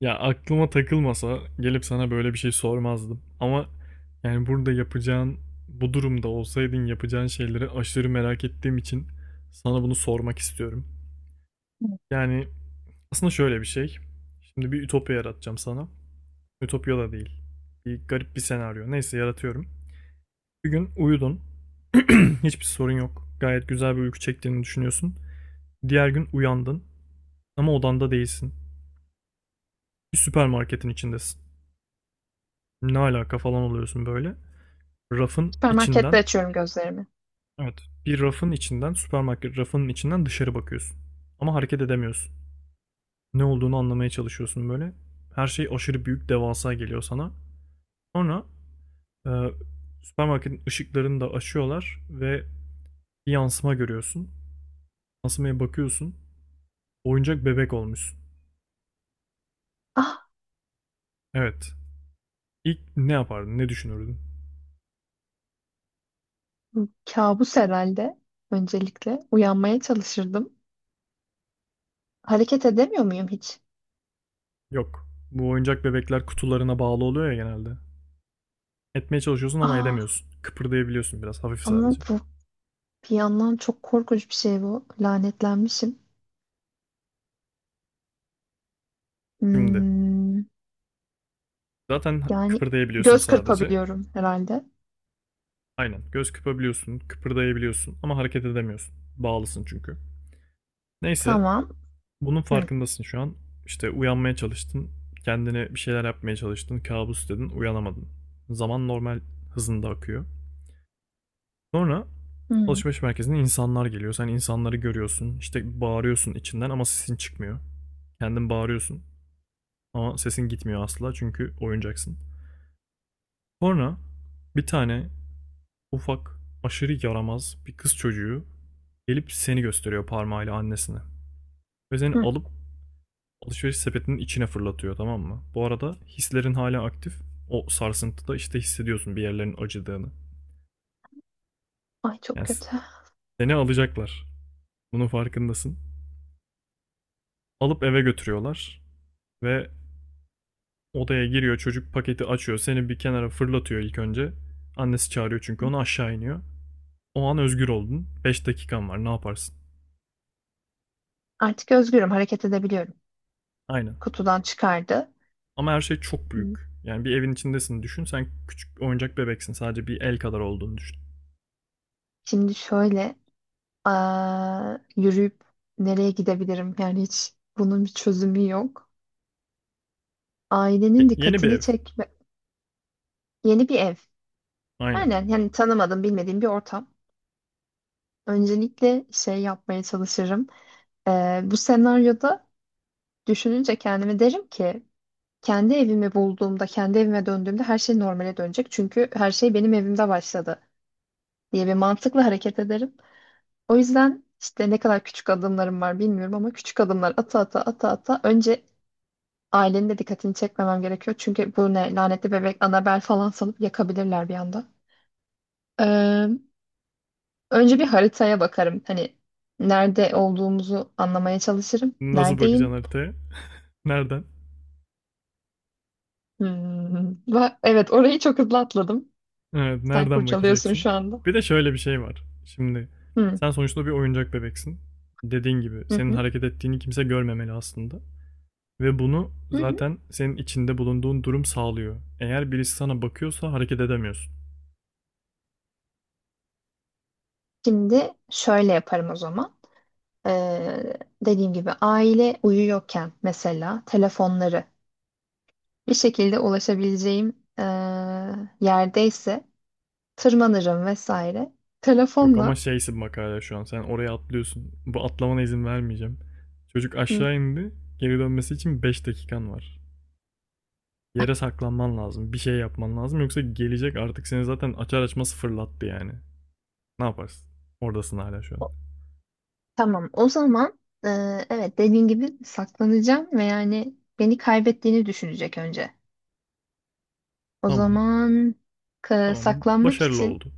Ya aklıma takılmasa gelip sana böyle bir şey sormazdım. Ama yani burada yapacağın, bu durumda olsaydın yapacağın şeyleri aşırı merak ettiğim için sana bunu sormak istiyorum. Yani aslında şöyle bir şey. Şimdi bir ütopya yaratacağım sana. Ütopya da değil. Bir garip bir senaryo. Neyse yaratıyorum. Bir gün uyudun. Hiçbir sorun yok. Gayet güzel bir uyku çektiğini düşünüyorsun. Diğer gün uyandın ama odanda değilsin. Bir süpermarketin içindesin. Ne alaka falan oluyorsun böyle. Rafın Süpermarkette içinden, açıyorum gözlerimi. evet, bir rafın içinden, süpermarket rafının içinden dışarı bakıyorsun. Ama hareket edemiyorsun. Ne olduğunu anlamaya çalışıyorsun böyle. Her şey aşırı büyük, devasa geliyor sana. Sonra e, süpermarketin ışıklarını da açıyorlar ve bir yansıma görüyorsun. Yansımaya bakıyorsun. Oyuncak bebek olmuşsun. Ah, Evet. İlk ne yapardın? Ne düşünürdün? bu kabus herhalde. Öncelikle uyanmaya çalışırdım. Hareket edemiyor muyum hiç? Yok. Bu oyuncak bebekler kutularına bağlı oluyor ya genelde. Etmeye çalışıyorsun ama Ah, edemiyorsun. Kıpırdayabiliyorsun biraz hafif ama sadece. bu bir yandan çok korkunç bir şey bu. Lanetlenmişim. Şimdi, Hmm, zaten yani kıpırdayabiliyorsun göz sadece. kırpabiliyorum herhalde. Aynen. Göz kıpabiliyorsun, kıpırdayabiliyorsun ama hareket edemiyorsun. Bağlısın çünkü. Neyse, Tamam. bunun Hı, farkındasın şu an. İşte uyanmaya çalıştın, kendine bir şeyler yapmaya çalıştın, kabus dedin, uyanamadın. Zaman normal hızında akıyor. Sonra hı, alışveriş merkezine insanlar geliyor. Sen insanları görüyorsun. İşte bağırıyorsun içinden ama sesin çıkmıyor. Kendin bağırıyorsun ama sesin gitmiyor asla çünkü oyuncaksın. Sonra bir tane ufak, aşırı yaramaz bir kız çocuğu gelip seni gösteriyor parmağıyla annesine. Ve seni hı. alıp alışveriş sepetinin içine fırlatıyor, tamam mı? Bu arada hislerin hala aktif. O sarsıntıda işte hissediyorsun bir yerlerin acıdığını. Ay çok Yani kötü. seni alacaklar. Bunun farkındasın. Alıp eve götürüyorlar ve odaya giriyor çocuk, paketi açıyor. Seni bir kenara fırlatıyor ilk önce. Annesi çağırıyor çünkü onu, aşağı iniyor. O an özgür oldun. Beş dakikan var, ne yaparsın? Artık özgürüm. Hareket edebiliyorum. Aynen. Kutudan çıkardı. Ama her şey çok büyük. Hı. Yani bir evin içindesin düşün. Sen küçük oyuncak bebeksin. Sadece bir el kadar olduğunu düşün. Şimdi şöyle aa, yürüyüp nereye gidebilirim? Yani hiç bunun bir çözümü yok. Ailenin Yeni bir dikkatini ev. çekme. Yeni bir ev. Aynen. Aynen yani tanımadığım bilmediğim bir ortam. Öncelikle şey yapmaya çalışırım. Bu senaryoda düşününce kendime derim ki kendi evimi bulduğumda, kendi evime döndüğümde her şey normale dönecek. Çünkü her şey benim evimde başladı diye bir mantıkla hareket ederim. O yüzden işte ne kadar küçük adımlarım var bilmiyorum ama küçük adımlar ata ata ata ata önce ailenin de dikkatini çekmemem gerekiyor. Çünkü bu ne lanetli bebek Annabelle falan sanıp yakabilirler bir anda. Önce bir haritaya bakarım. Hani nerede olduğumuzu anlamaya çalışırım. Nasıl bakacaksın Neredeyim? haritaya? Nereden? Hmm. Evet, orayı çok hızlı atladım. Evet, Sen nereden kurcalıyorsun bakacaksın? şu anda. Bir de şöyle bir şey var. Şimdi Hmm. sen sonuçta bir oyuncak bebeksin. Dediğin gibi Hı senin hı. hareket ettiğini kimse görmemeli aslında. Ve bunu Hı hı. zaten senin içinde bulunduğun durum sağlıyor. Eğer birisi sana bakıyorsa hareket edemiyorsun. Şimdi şöyle yaparım o zaman. Ee, dediğim gibi aile uyuyorken mesela telefonları bir şekilde ulaşabileceğim yerdeyse tırmanırım vesaire. Yok ama Telefonla. şeysin bak hala şu an. Sen oraya atlıyorsun. Bu atlamana izin vermeyeceğim. Çocuk Hı. aşağı indi. Geri dönmesi için 5 dakikan var. Yere saklanman lazım. Bir şey yapman lazım. Yoksa gelecek artık, seni zaten açar açmaz fırlattı yani. Ne yaparsın? Oradasın hala şu an. Tamam, o zaman e, evet dediğin gibi saklanacağım ve yani beni kaybettiğini düşünecek önce. O Tamam. zaman Tamam. saklanmak Başarılı için oldu.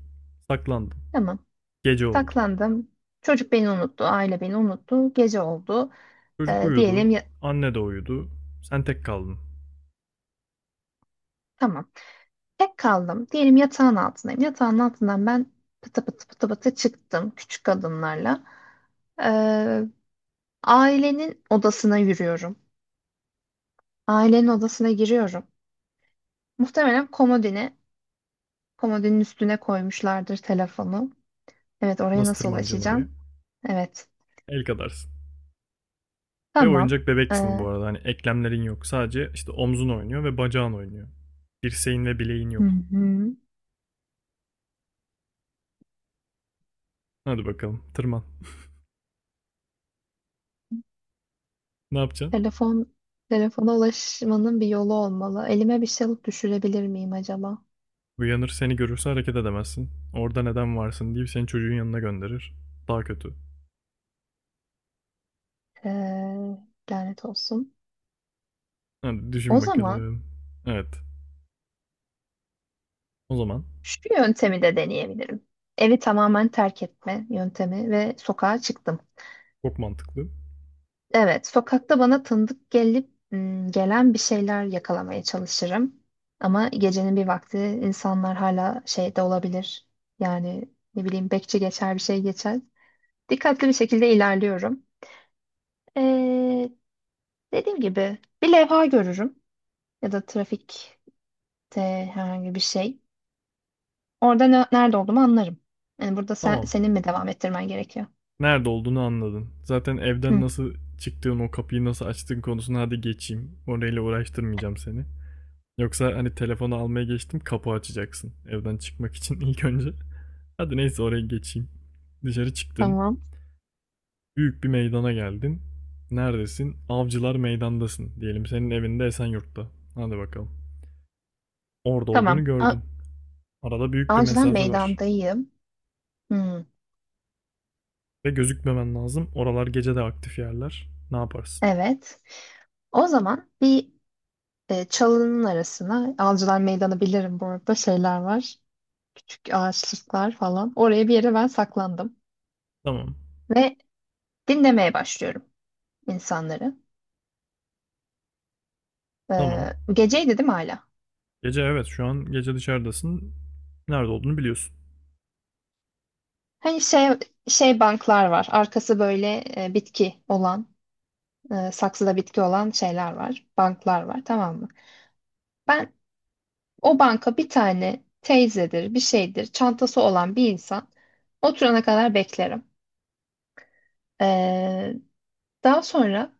Saklandın. tamam Gece oldu. saklandım. Çocuk beni unuttu, aile beni unuttu, gece oldu. Çocuk E, uyudu. diyelim ya, Anne de uyudu. Sen tek kaldın. tamam tek kaldım. Diyelim yatağın altındayım. Yatağın altından ben pıtı pıtı pıtı pıtı çıktım küçük adımlarla. E, ailenin odasına yürüyorum. Ailenin odasına giriyorum. Muhtemelen komodine. Komodinin üstüne koymuşlardır telefonu. Evet, oraya Nasıl nasıl tırmanacaksın oraya? ulaşacağım? Evet. El kadarsın. Ve Tamam. oyuncak bebeksin bu Ee, arada. Hani eklemlerin yok. Sadece işte omzun oynuyor ve bacağın oynuyor. Dirseğin ve bileğin hı yok. hı. Hadi bakalım tırman. Ne yapacaksın? Telefon telefona ulaşmanın bir yolu olmalı. Elime bir şey alıp düşürebilir miyim acaba? Uyanır seni görürse hareket edemezsin. Orada neden varsın deyip seni çocuğun yanına gönderir. Daha kötü. Ee, lanet olsun. Hadi düşün O zaman bakalım. Evet. O zaman şu yöntemi de deneyebilirim. Evi tamamen terk etme yöntemi ve sokağa çıktım. çok mantıklı. Evet, sokakta bana tanıdık gelip gelen bir şeyler yakalamaya çalışırım. Ama gecenin bir vakti insanlar hala şeyde olabilir. Yani ne bileyim bekçi geçer bir şey geçer. Dikkatli bir şekilde ilerliyorum. Ee, dediğim gibi bir levha görürüm ya da trafikte herhangi bir şey. Orada nerede olduğumu anlarım. Yani burada Tamam. senin mi devam ettirmen gerekiyor? Nerede olduğunu anladın. Zaten evden Hı, nasıl çıktığın, o kapıyı nasıl açtığın konusuna hadi geçeyim. Orayla uğraştırmayacağım seni. Yoksa hani telefonu almaya geçtim, kapı açacaksın evden çıkmak için ilk önce. Hadi neyse oraya geçeyim. Dışarı çıktın. tamam. Büyük bir meydana geldin. Neredesin? Avcılar Meydan'dasın. Diyelim senin evinde Esenyurt'ta. Hadi bakalım. Orada tamam. olduğunu A gördün. Arada büyük bir Avcılar mesafe var. meydandayım. Hı, Ve gözükmemen lazım. Oralar gece de aktif yerler. Ne yaparsın? evet. O zaman bir çalının arasına Avcılar Meydanı bilirim bu arada şeyler var. Küçük ağaçlıklar falan. Oraya bir yere ben saklandım. Tamam. Ve dinlemeye başlıyorum insanları. E, Tamam. geceydi değil mi hala? Gece, evet, şu an gece dışarıdasın. Nerede olduğunu biliyorsun. Hani şey banklar var. Arkası böyle bitki olan, saksıda bitki olan şeyler var. Banklar var tamam mı? Ben o banka bir tane teyzedir, bir şeydir, çantası olan bir insan oturana kadar beklerim. E, daha sonra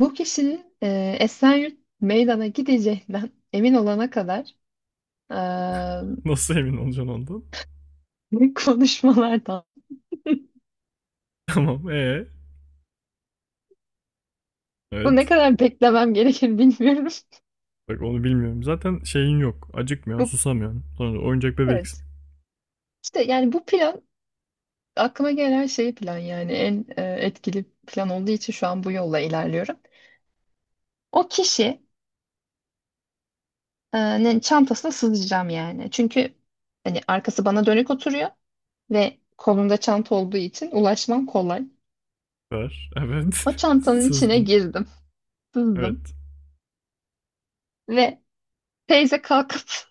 bu kişinin Esenyurt meydana gideceğinden emin olana kadar e, Nasıl emin olacaksın ondan? konuşmalardan. Tamam. Bu Evet. ne kadar beklemem gerekir bilmiyorum. Bak onu bilmiyorum. Zaten şeyin yok. Acıkmıyorsun, Bu, susamıyorsun. Sonra oyuncak bebeksin. evet. İşte yani bu plan aklıma gelen şey plan yani en etkili plan olduğu için şu an bu yolla ilerliyorum. O kişinin çantasına sızacağım yani. Çünkü hani arkası bana dönük oturuyor ve kolunda çanta olduğu için ulaşmam kolay. Var. Evet. O çantanın içine Sızdın. girdim, sızdım Evet. ve teyze kalkıp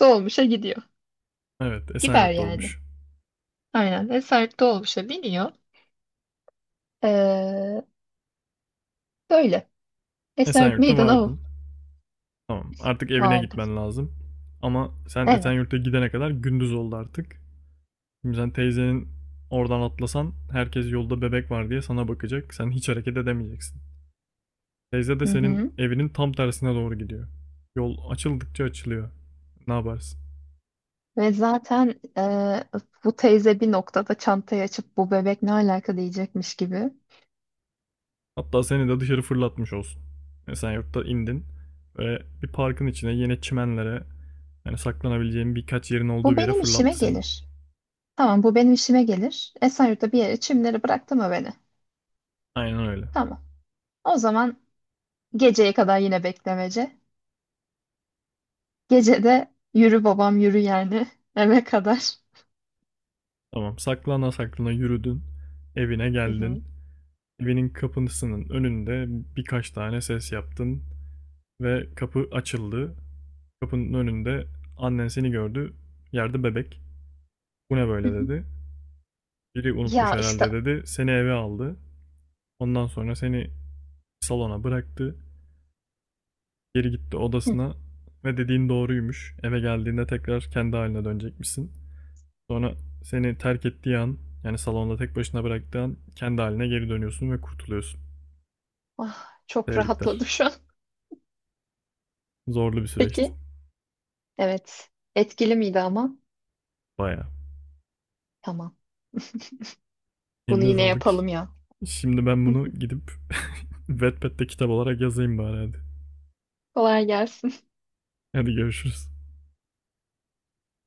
dolmuşa gidiyor. Evet. Gider Esenyurt'ta yani. olmuş. Aynen. Esaret dolmuşa biniyor. Ee, böyle. Esaret Esenyurt'ta meydana o vardın. Tamam. Artık evine vardı. gitmen lazım. Ama sen Evet. Esenyurt'a gidene kadar gündüz oldu artık. Şimdi sen teyzenin oradan atlasan herkes yolda bebek var diye sana bakacak. Sen hiç hareket edemeyeceksin. Teyze de Hı senin hı. evinin tam tersine doğru gidiyor. Yol açıldıkça açılıyor. Ne yaparsın? Ve zaten bu teyze bir noktada çantayı açıp bu bebek ne alaka diyecekmiş gibi. Hatta seni de dışarı fırlatmış olsun. Yani sen yurtta indin ve bir parkın içine, yine çimenlere, yani saklanabileceğin birkaç yerin olduğu Bu bir yere benim işime fırlattı seni. gelir. Tamam bu benim işime gelir. Esaret'e bir yere çimleri bıraktı mı beni? Aynen öyle. Tamam. O zaman geceye kadar yine beklemece. Gece de yürü babam yürü yani eve kadar. Tamam, saklana saklana yürüdün. Evine geldin. Hı Evinin kapısının önünde birkaç tane ses yaptın ve kapı açıldı. Kapının önünde annen seni gördü. Yerde bebek. Bu ne böyle hı. dedi. Biri unutmuş Ya işte. herhalde dedi. Seni eve aldı. Ondan sonra seni salona bıraktı. Geri gitti Hı. odasına ve dediğin doğruymuş. Eve geldiğinde tekrar kendi haline dönecekmişsin. Sonra seni terk ettiği an, yani salonda tek başına bıraktığı an kendi haline geri dönüyorsun ve kurtuluyorsun. Ah, çok Tebrikler. rahatladım şu an. Zorlu bir süreçti. Peki. Evet. Etkili miydi ama? Bayağı. Tamam. Bunu Eline yine sağlık. yapalım ya. Şimdi ben bunu gidip Wattpad'de kitap olarak yazayım bari hadi. Kolay gelsin. Hadi görüşürüz.